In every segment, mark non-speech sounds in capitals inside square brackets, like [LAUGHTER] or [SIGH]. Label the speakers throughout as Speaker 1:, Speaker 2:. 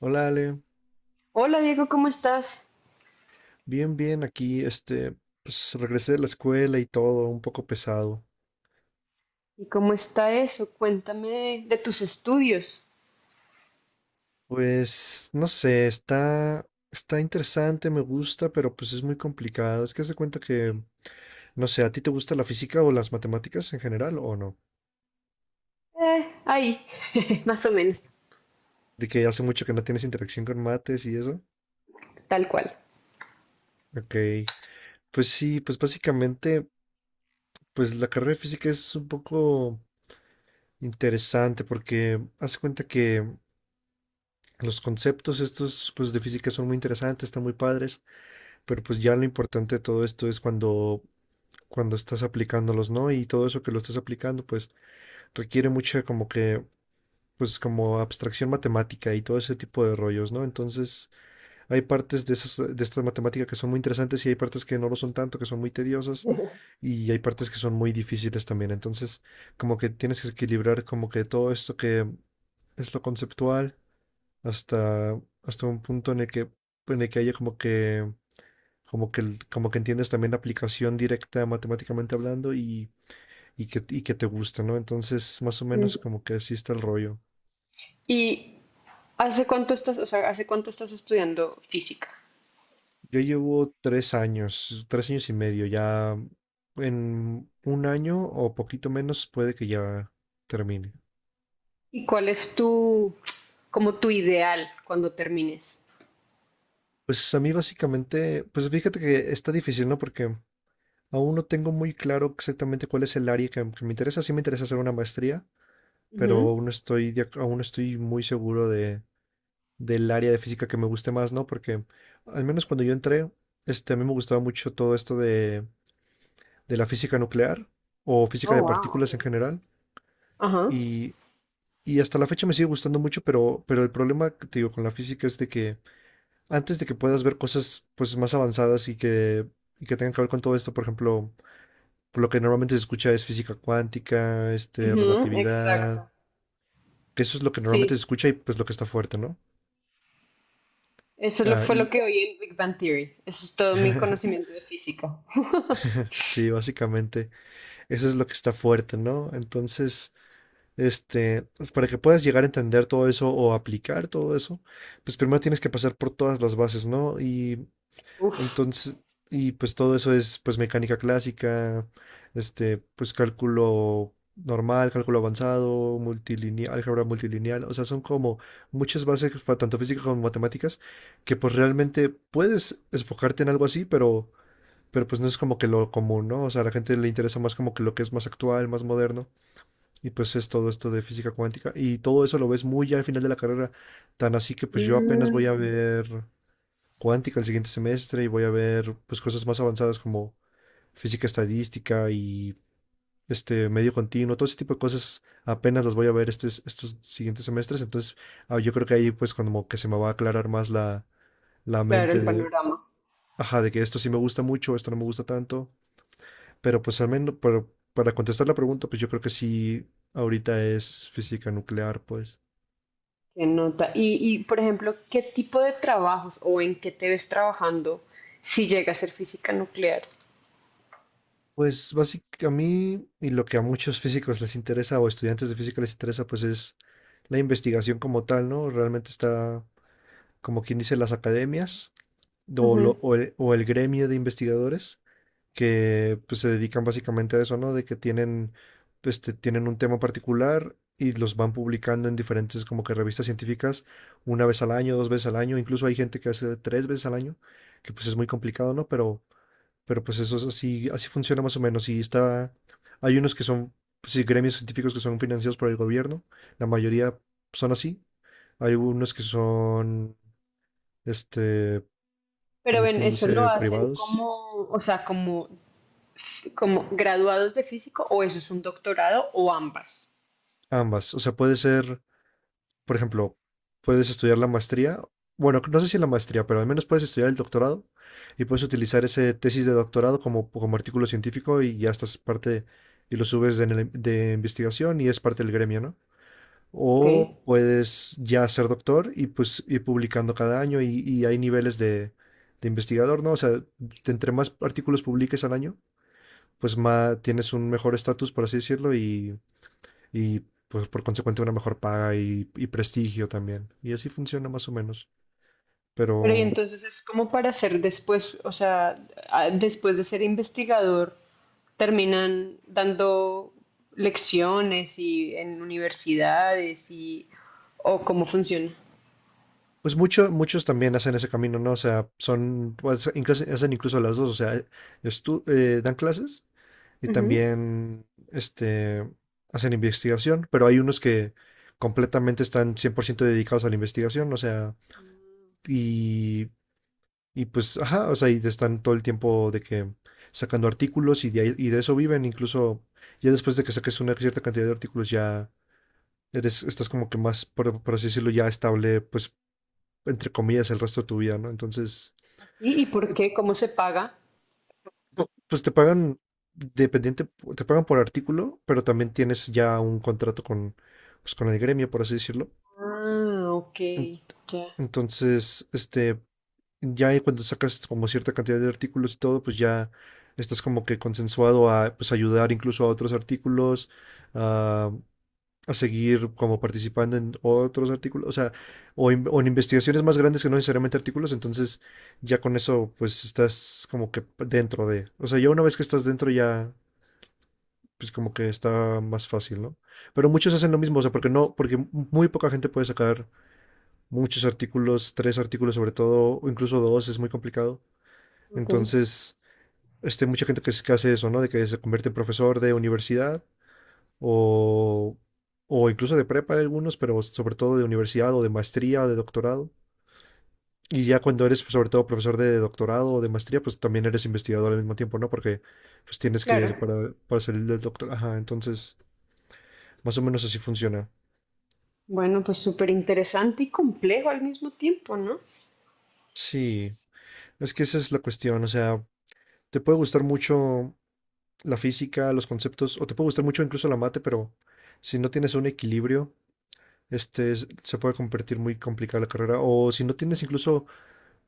Speaker 1: Hola Ale,
Speaker 2: Hola Diego, ¿cómo estás?
Speaker 1: bien, bien, aquí, pues regresé de la escuela y todo, un poco pesado.
Speaker 2: ¿Y cómo está eso? Cuéntame de tus estudios.
Speaker 1: Pues, no sé, está interesante, me gusta, pero pues es muy complicado. Es que se cuenta no sé, ¿a ti te gusta la física o las matemáticas en general o no?
Speaker 2: Eh, ahí, [LAUGHS] más o menos,
Speaker 1: De que hace mucho que no tienes interacción con mates y eso.
Speaker 2: tal cual.
Speaker 1: Ok, pues sí, pues básicamente, pues la carrera de física es un poco interesante porque haz de cuenta que los conceptos estos, pues de física son muy interesantes, están muy padres. Pero pues ya lo importante de todo esto es cuando estás aplicándolos, ¿no? Y todo eso que lo estás aplicando, pues requiere mucha pues como abstracción matemática y todo ese tipo de rollos, ¿no? Entonces hay partes de esas, de esta matemática que son muy interesantes y hay partes que no lo son tanto, que son muy tediosas
Speaker 2: [LAUGHS]
Speaker 1: y hay partes que son muy difíciles también. Entonces como que tienes que equilibrar como que todo esto que es lo conceptual hasta un punto en el que haya como que entiendes también la aplicación directa matemáticamente hablando y que te gusta, ¿no? Entonces, más o menos
Speaker 2: Mm.
Speaker 1: como que así está el rollo.
Speaker 2: ¿Y hace cuánto estás, o sea, hace cuánto estás estudiando física?
Speaker 1: Yo llevo 3 años, 3 años y medio, ya en un año o poquito menos puede que ya termine.
Speaker 2: ¿Y cuál es tu, como tu ideal cuando termines?
Speaker 1: Pues a mí básicamente, pues fíjate que está difícil, ¿no? Porque aún no tengo muy claro exactamente cuál es el área que me interesa. Sí me interesa hacer una maestría, pero
Speaker 2: Ujú.
Speaker 1: aún no estoy, aún no estoy muy seguro de del área de física que me guste más, ¿no? Porque al menos cuando yo entré, a mí me gustaba mucho todo esto de la física nuclear o física de
Speaker 2: Oh, wow,
Speaker 1: partículas en
Speaker 2: okay.
Speaker 1: general.
Speaker 2: Ajá.
Speaker 1: Y, y hasta la fecha me sigue gustando mucho, pero el problema que te digo con la física es de que antes de que puedas ver cosas pues más avanzadas y que tengan que ver con todo esto, por ejemplo, por lo que normalmente se escucha es física cuántica,
Speaker 2: Ujú,
Speaker 1: relatividad,
Speaker 2: exacto.
Speaker 1: que eso es lo que normalmente se
Speaker 2: Sí,
Speaker 1: escucha y pues lo que está fuerte, ¿no? Ah,
Speaker 2: fue
Speaker 1: y
Speaker 2: lo que oí en Big Bang Theory. Eso es todo mi conocimiento de física.
Speaker 1: sí, básicamente. Eso es lo que está fuerte, ¿no? Entonces, pues, para que puedas llegar a entender todo eso o aplicar todo eso, pues primero tienes que pasar por todas las bases, ¿no? Y
Speaker 2: Uf.
Speaker 1: entonces, y pues todo eso es pues mecánica clásica, pues cálculo normal, cálculo avanzado, multilineal, álgebra multilineal, o sea, son como muchas bases, tanto físicas como matemáticas, que pues realmente puedes enfocarte en algo así, pero pues no es como que lo común, ¿no? O sea, a la gente le interesa más como que lo que es más actual, más moderno. Y pues es todo esto de física cuántica. Y todo eso lo ves muy ya al final de la carrera. Tan así que pues yo apenas voy a
Speaker 2: Mm.
Speaker 1: ver cuántica el siguiente semestre y voy a ver pues cosas más avanzadas como física estadística y este medio continuo. Todo ese tipo de cosas apenas las voy a ver estos siguientes semestres. Entonces ah, yo creo que ahí pues como que se me va a aclarar más la
Speaker 2: Claro,
Speaker 1: mente
Speaker 2: el
Speaker 1: de,
Speaker 2: panorama.
Speaker 1: ajá, de que esto sí me gusta mucho, esto no me gusta tanto. Pero pues al menos, pero para contestar la pregunta, pues yo creo que sí, ahorita es física nuclear, pues.
Speaker 2: Que nota. Y por ejemplo, ¿qué tipo de trabajos o en qué te ves trabajando si llega a ser física nuclear?
Speaker 1: Pues básicamente a mí y lo que a muchos físicos les interesa o estudiantes de física les interesa, pues es la investigación como tal, ¿no? Realmente está, como quien dice, las academias o,
Speaker 2: Ujú.
Speaker 1: lo- o el, o el gremio de investigadores, que pues, se dedican básicamente a eso, ¿no? De que tienen un tema particular y los van publicando en diferentes como que revistas científicas una vez al año, dos veces al año, incluso hay gente que hace tres veces al año, que pues es muy complicado, ¿no? Pero pues eso es así, así funciona más o menos y está, hay unos que son, pues, sí, gremios científicos que son financiados por el gobierno, la mayoría son así, hay unos que son, este,
Speaker 2: Pero
Speaker 1: como
Speaker 2: ven,
Speaker 1: quien
Speaker 2: ¿eso lo
Speaker 1: dice,
Speaker 2: hacen
Speaker 1: privados.
Speaker 2: como, o sea, como, como graduados de físico o eso es un doctorado o ambas?
Speaker 1: Ambas, o sea, puede ser... por ejemplo, puedes estudiar la maestría, bueno, no sé si la maestría, pero al menos puedes estudiar el doctorado y puedes utilizar ese tesis de doctorado como artículo científico y ya estás parte y lo subes de investigación y es parte del gremio, ¿no?
Speaker 2: Ok.
Speaker 1: O puedes ya ser doctor y pues ir publicando cada año y hay niveles de investigador, ¿no? O sea, entre más artículos publiques al año, pues más tienes un mejor estatus, por así decirlo, y pues por consecuente una mejor paga y prestigio también. Y así funciona más o menos.
Speaker 2: Pero y
Speaker 1: Pero
Speaker 2: entonces es como para ser después, o sea, después de ser investigador, terminan dando lecciones y en universidades y, o cómo funciona.
Speaker 1: pues mucho, muchos también hacen ese camino, ¿no? O sea, son, pues, hacen incluso las dos, o sea, dan clases y
Speaker 2: Ujú.
Speaker 1: también este, hacen investigación, pero hay unos que completamente están 100% dedicados a la investigación, o sea, y Y pues, ajá, o sea, y están todo el tiempo de que sacando artículos y de eso viven. Incluso ya después de que saques una cierta cantidad de artículos, ya eres, estás como que más, por así decirlo, ya estable, pues, entre comillas, el resto de tu vida, ¿no? Entonces,
Speaker 2: Y
Speaker 1: eh,
Speaker 2: por
Speaker 1: t-
Speaker 2: qué? ¿Cómo se paga?
Speaker 1: pues te pagan, dependiente, te pagan por artículo, pero también tienes ya un contrato con, pues, con el gremio, por así decirlo.
Speaker 2: Ah, ok,
Speaker 1: En-
Speaker 2: ya,
Speaker 1: Entonces, ya ahí cuando sacas como cierta cantidad de artículos y todo, pues ya estás como que consensuado a pues ayudar incluso a otros artículos, a, a seguir como participando en otros artículos, o sea, o o en investigaciones más grandes que no necesariamente artículos, entonces ya con eso pues estás como que dentro de, o sea, ya una vez que estás dentro ya pues como que está más fácil, ¿no? Pero muchos hacen lo mismo, o sea, porque no, porque muy poca gente puede sacar muchos artículos, tres artículos sobre todo, o incluso dos, es muy complicado.
Speaker 2: ok,
Speaker 1: Entonces, mucha gente que hace eso, ¿no? De que se convierte en profesor de universidad o, o incluso de prepa de algunos, pero sobre todo de universidad o de maestría o de doctorado. Y ya cuando eres, pues, sobre todo, profesor de doctorado o de maestría, pues también eres investigador al mismo tiempo, ¿no? Porque pues tienes
Speaker 2: claro.
Speaker 1: para salir del doctor, ajá, entonces, más o menos así funciona.
Speaker 2: Bueno, pues súper interesante y complejo al mismo tiempo, ¿no?
Speaker 1: Sí, es que esa es la cuestión, o sea, te puede gustar mucho la física, los conceptos, o te puede gustar mucho incluso la mate, pero si no tienes un equilibrio, se puede convertir muy complicada la carrera. O si no tienes incluso,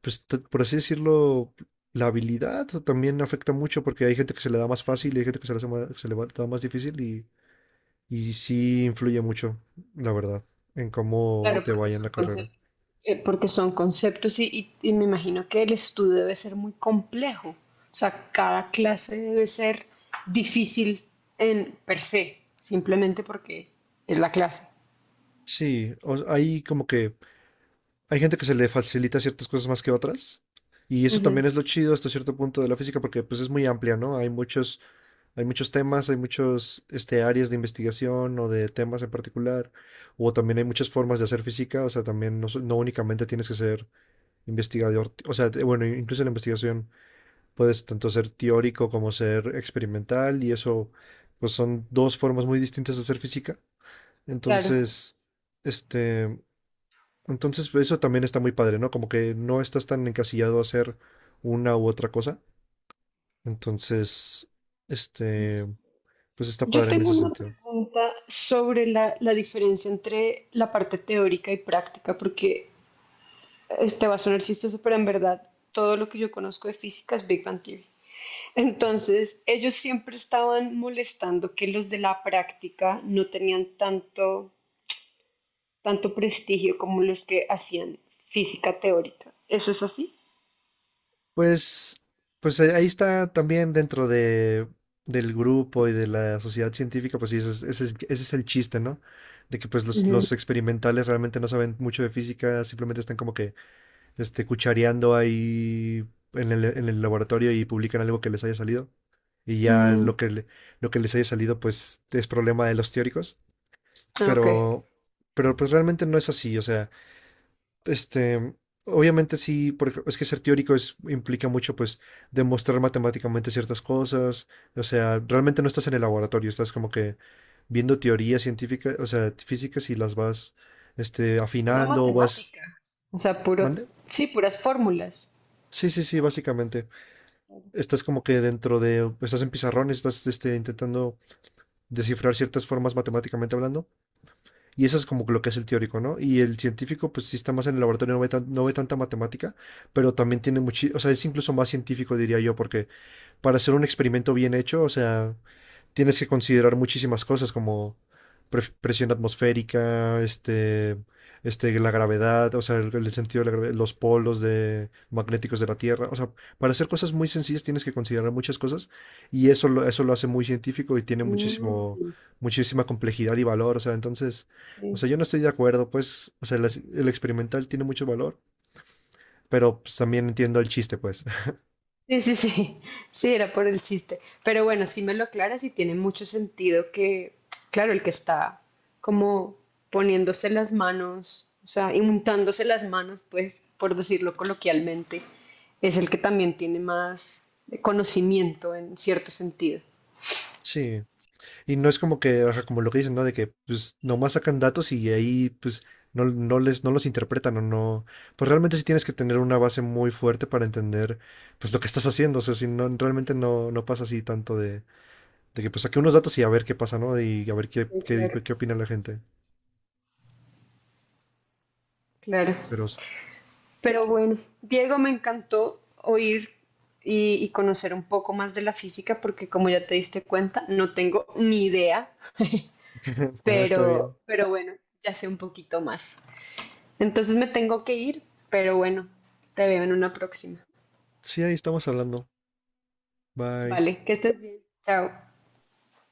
Speaker 1: pues, por así decirlo, la habilidad también afecta mucho porque hay gente que se le da más fácil y hay gente que se le, hace ma- se le va- da más difícil y sí influye mucho, la verdad, en cómo
Speaker 2: Claro,
Speaker 1: te vaya en la carrera.
Speaker 2: porque son conceptos y me imagino que el estudio debe ser muy complejo. O sea, cada clase debe ser difícil en per se, simplemente porque es la clase.
Speaker 1: Sí, hay como que hay gente que se le facilita ciertas cosas más que otras. Y eso
Speaker 2: Ujú.
Speaker 1: también es lo chido hasta cierto punto de la física porque pues es muy amplia, ¿no? Hay muchos hay muchos temas, hay muchos este, áreas de investigación o de temas en particular, o también hay muchas formas de hacer física, o sea, también no únicamente tienes que ser investigador, o sea, bueno, incluso en la investigación puedes tanto ser teórico como ser experimental, y eso, pues son dos formas muy distintas de hacer física.
Speaker 2: Claro.
Speaker 1: Entonces, este, entonces pues, eso también está muy padre, ¿no? Como que no estás tan encasillado a hacer una u otra cosa. Entonces, este... pues está
Speaker 2: Yo
Speaker 1: padre en
Speaker 2: tengo
Speaker 1: ese
Speaker 2: una
Speaker 1: sentido.
Speaker 2: pregunta sobre la diferencia entre la parte teórica y práctica, porque este va a sonar chistoso, pero en verdad todo lo que yo conozco de física es Big Bang Theory. Entonces, ellos siempre estaban molestando que los de la práctica no tenían tanto, tanto prestigio como los que hacían física teórica. ¿Eso es así?
Speaker 1: Pues, pues ahí ahí está también dentro de, del grupo y de la sociedad científica, pues sí, ese es el chiste, ¿no? De que pues
Speaker 2: Ujú.
Speaker 1: los experimentales realmente no saben mucho de física, simplemente están como que cuchareando ahí en en el laboratorio y publican algo que les haya salido. Y ya
Speaker 2: Mm,
Speaker 1: lo lo que les haya salido, pues es problema de los teóricos.
Speaker 2: ok.
Speaker 1: Pero, pero pues realmente no es así. O sea, este, obviamente sí, es que ser teórico es, implica mucho, pues, demostrar matemáticamente ciertas cosas. O sea, realmente no estás en el laboratorio, estás como que viendo teorías científicas, o sea, físicas y las vas,
Speaker 2: Pura
Speaker 1: afinando, vas...
Speaker 2: matemática. O sea, puro,
Speaker 1: ¿Mande?
Speaker 2: sí, puras fórmulas.
Speaker 1: Sí, sí, sí, básicamente. Estás como que dentro de, estás en pizarrón, estás este, intentando descifrar ciertas formas matemáticamente hablando, y eso es como que lo que es el teórico, ¿no? Y el científico, pues sí está más en el laboratorio, no no ve tanta matemática, pero también tiene mucho, o sea, es incluso más científico, diría yo, porque para hacer un experimento bien hecho, o sea, tienes que considerar muchísimas cosas como presión atmosférica, la gravedad, o sea, el sentido de la gravedad, los polos de, magnéticos de la Tierra. O sea, para hacer cosas muy sencillas tienes que considerar muchas cosas y eso eso lo hace muy científico y tiene muchísimo,
Speaker 2: Mm,
Speaker 1: muchísima complejidad y valor. O sea, entonces, o
Speaker 2: ok.
Speaker 1: sea, yo no estoy de acuerdo, pues, o sea, el experimental tiene mucho valor, pero pues, también entiendo el chiste, pues. [LAUGHS]
Speaker 2: Sí, sí, sí, [LAUGHS] sí, era por el chiste. Pero bueno, si me lo aclaras y tiene mucho sentido que, claro, el que está como poniéndose las manos, o sea, untándose las manos, pues, por decirlo coloquialmente, es el que también tiene más conocimiento en cierto sentido.
Speaker 1: Sí. Y no es como que, o sea, como lo que dicen, ¿no? De que pues nomás sacan datos y ahí pues no, no los interpretan o no. Pues realmente sí tienes que tener una base muy fuerte para entender pues lo que estás haciendo. O sea, si no, realmente no pasa así tanto de que pues saqué unos datos y a ver qué pasa, ¿no? Y a ver qué,
Speaker 2: Sí,
Speaker 1: qué,
Speaker 2: claro,
Speaker 1: qué opina la gente.
Speaker 2: claro.
Speaker 1: Pero
Speaker 2: Pero bueno, Diego, me encantó oír y conocer un poco más de la física porque como ya te diste cuenta, no tengo ni idea.
Speaker 1: [LAUGHS] nada, está bien.
Speaker 2: Pero bueno, ya sé un poquito más. Entonces me tengo que ir, pero bueno, te veo en una próxima.
Speaker 1: Sí, ahí estamos hablando. Bye.
Speaker 2: Vale, que estés bien. Chao.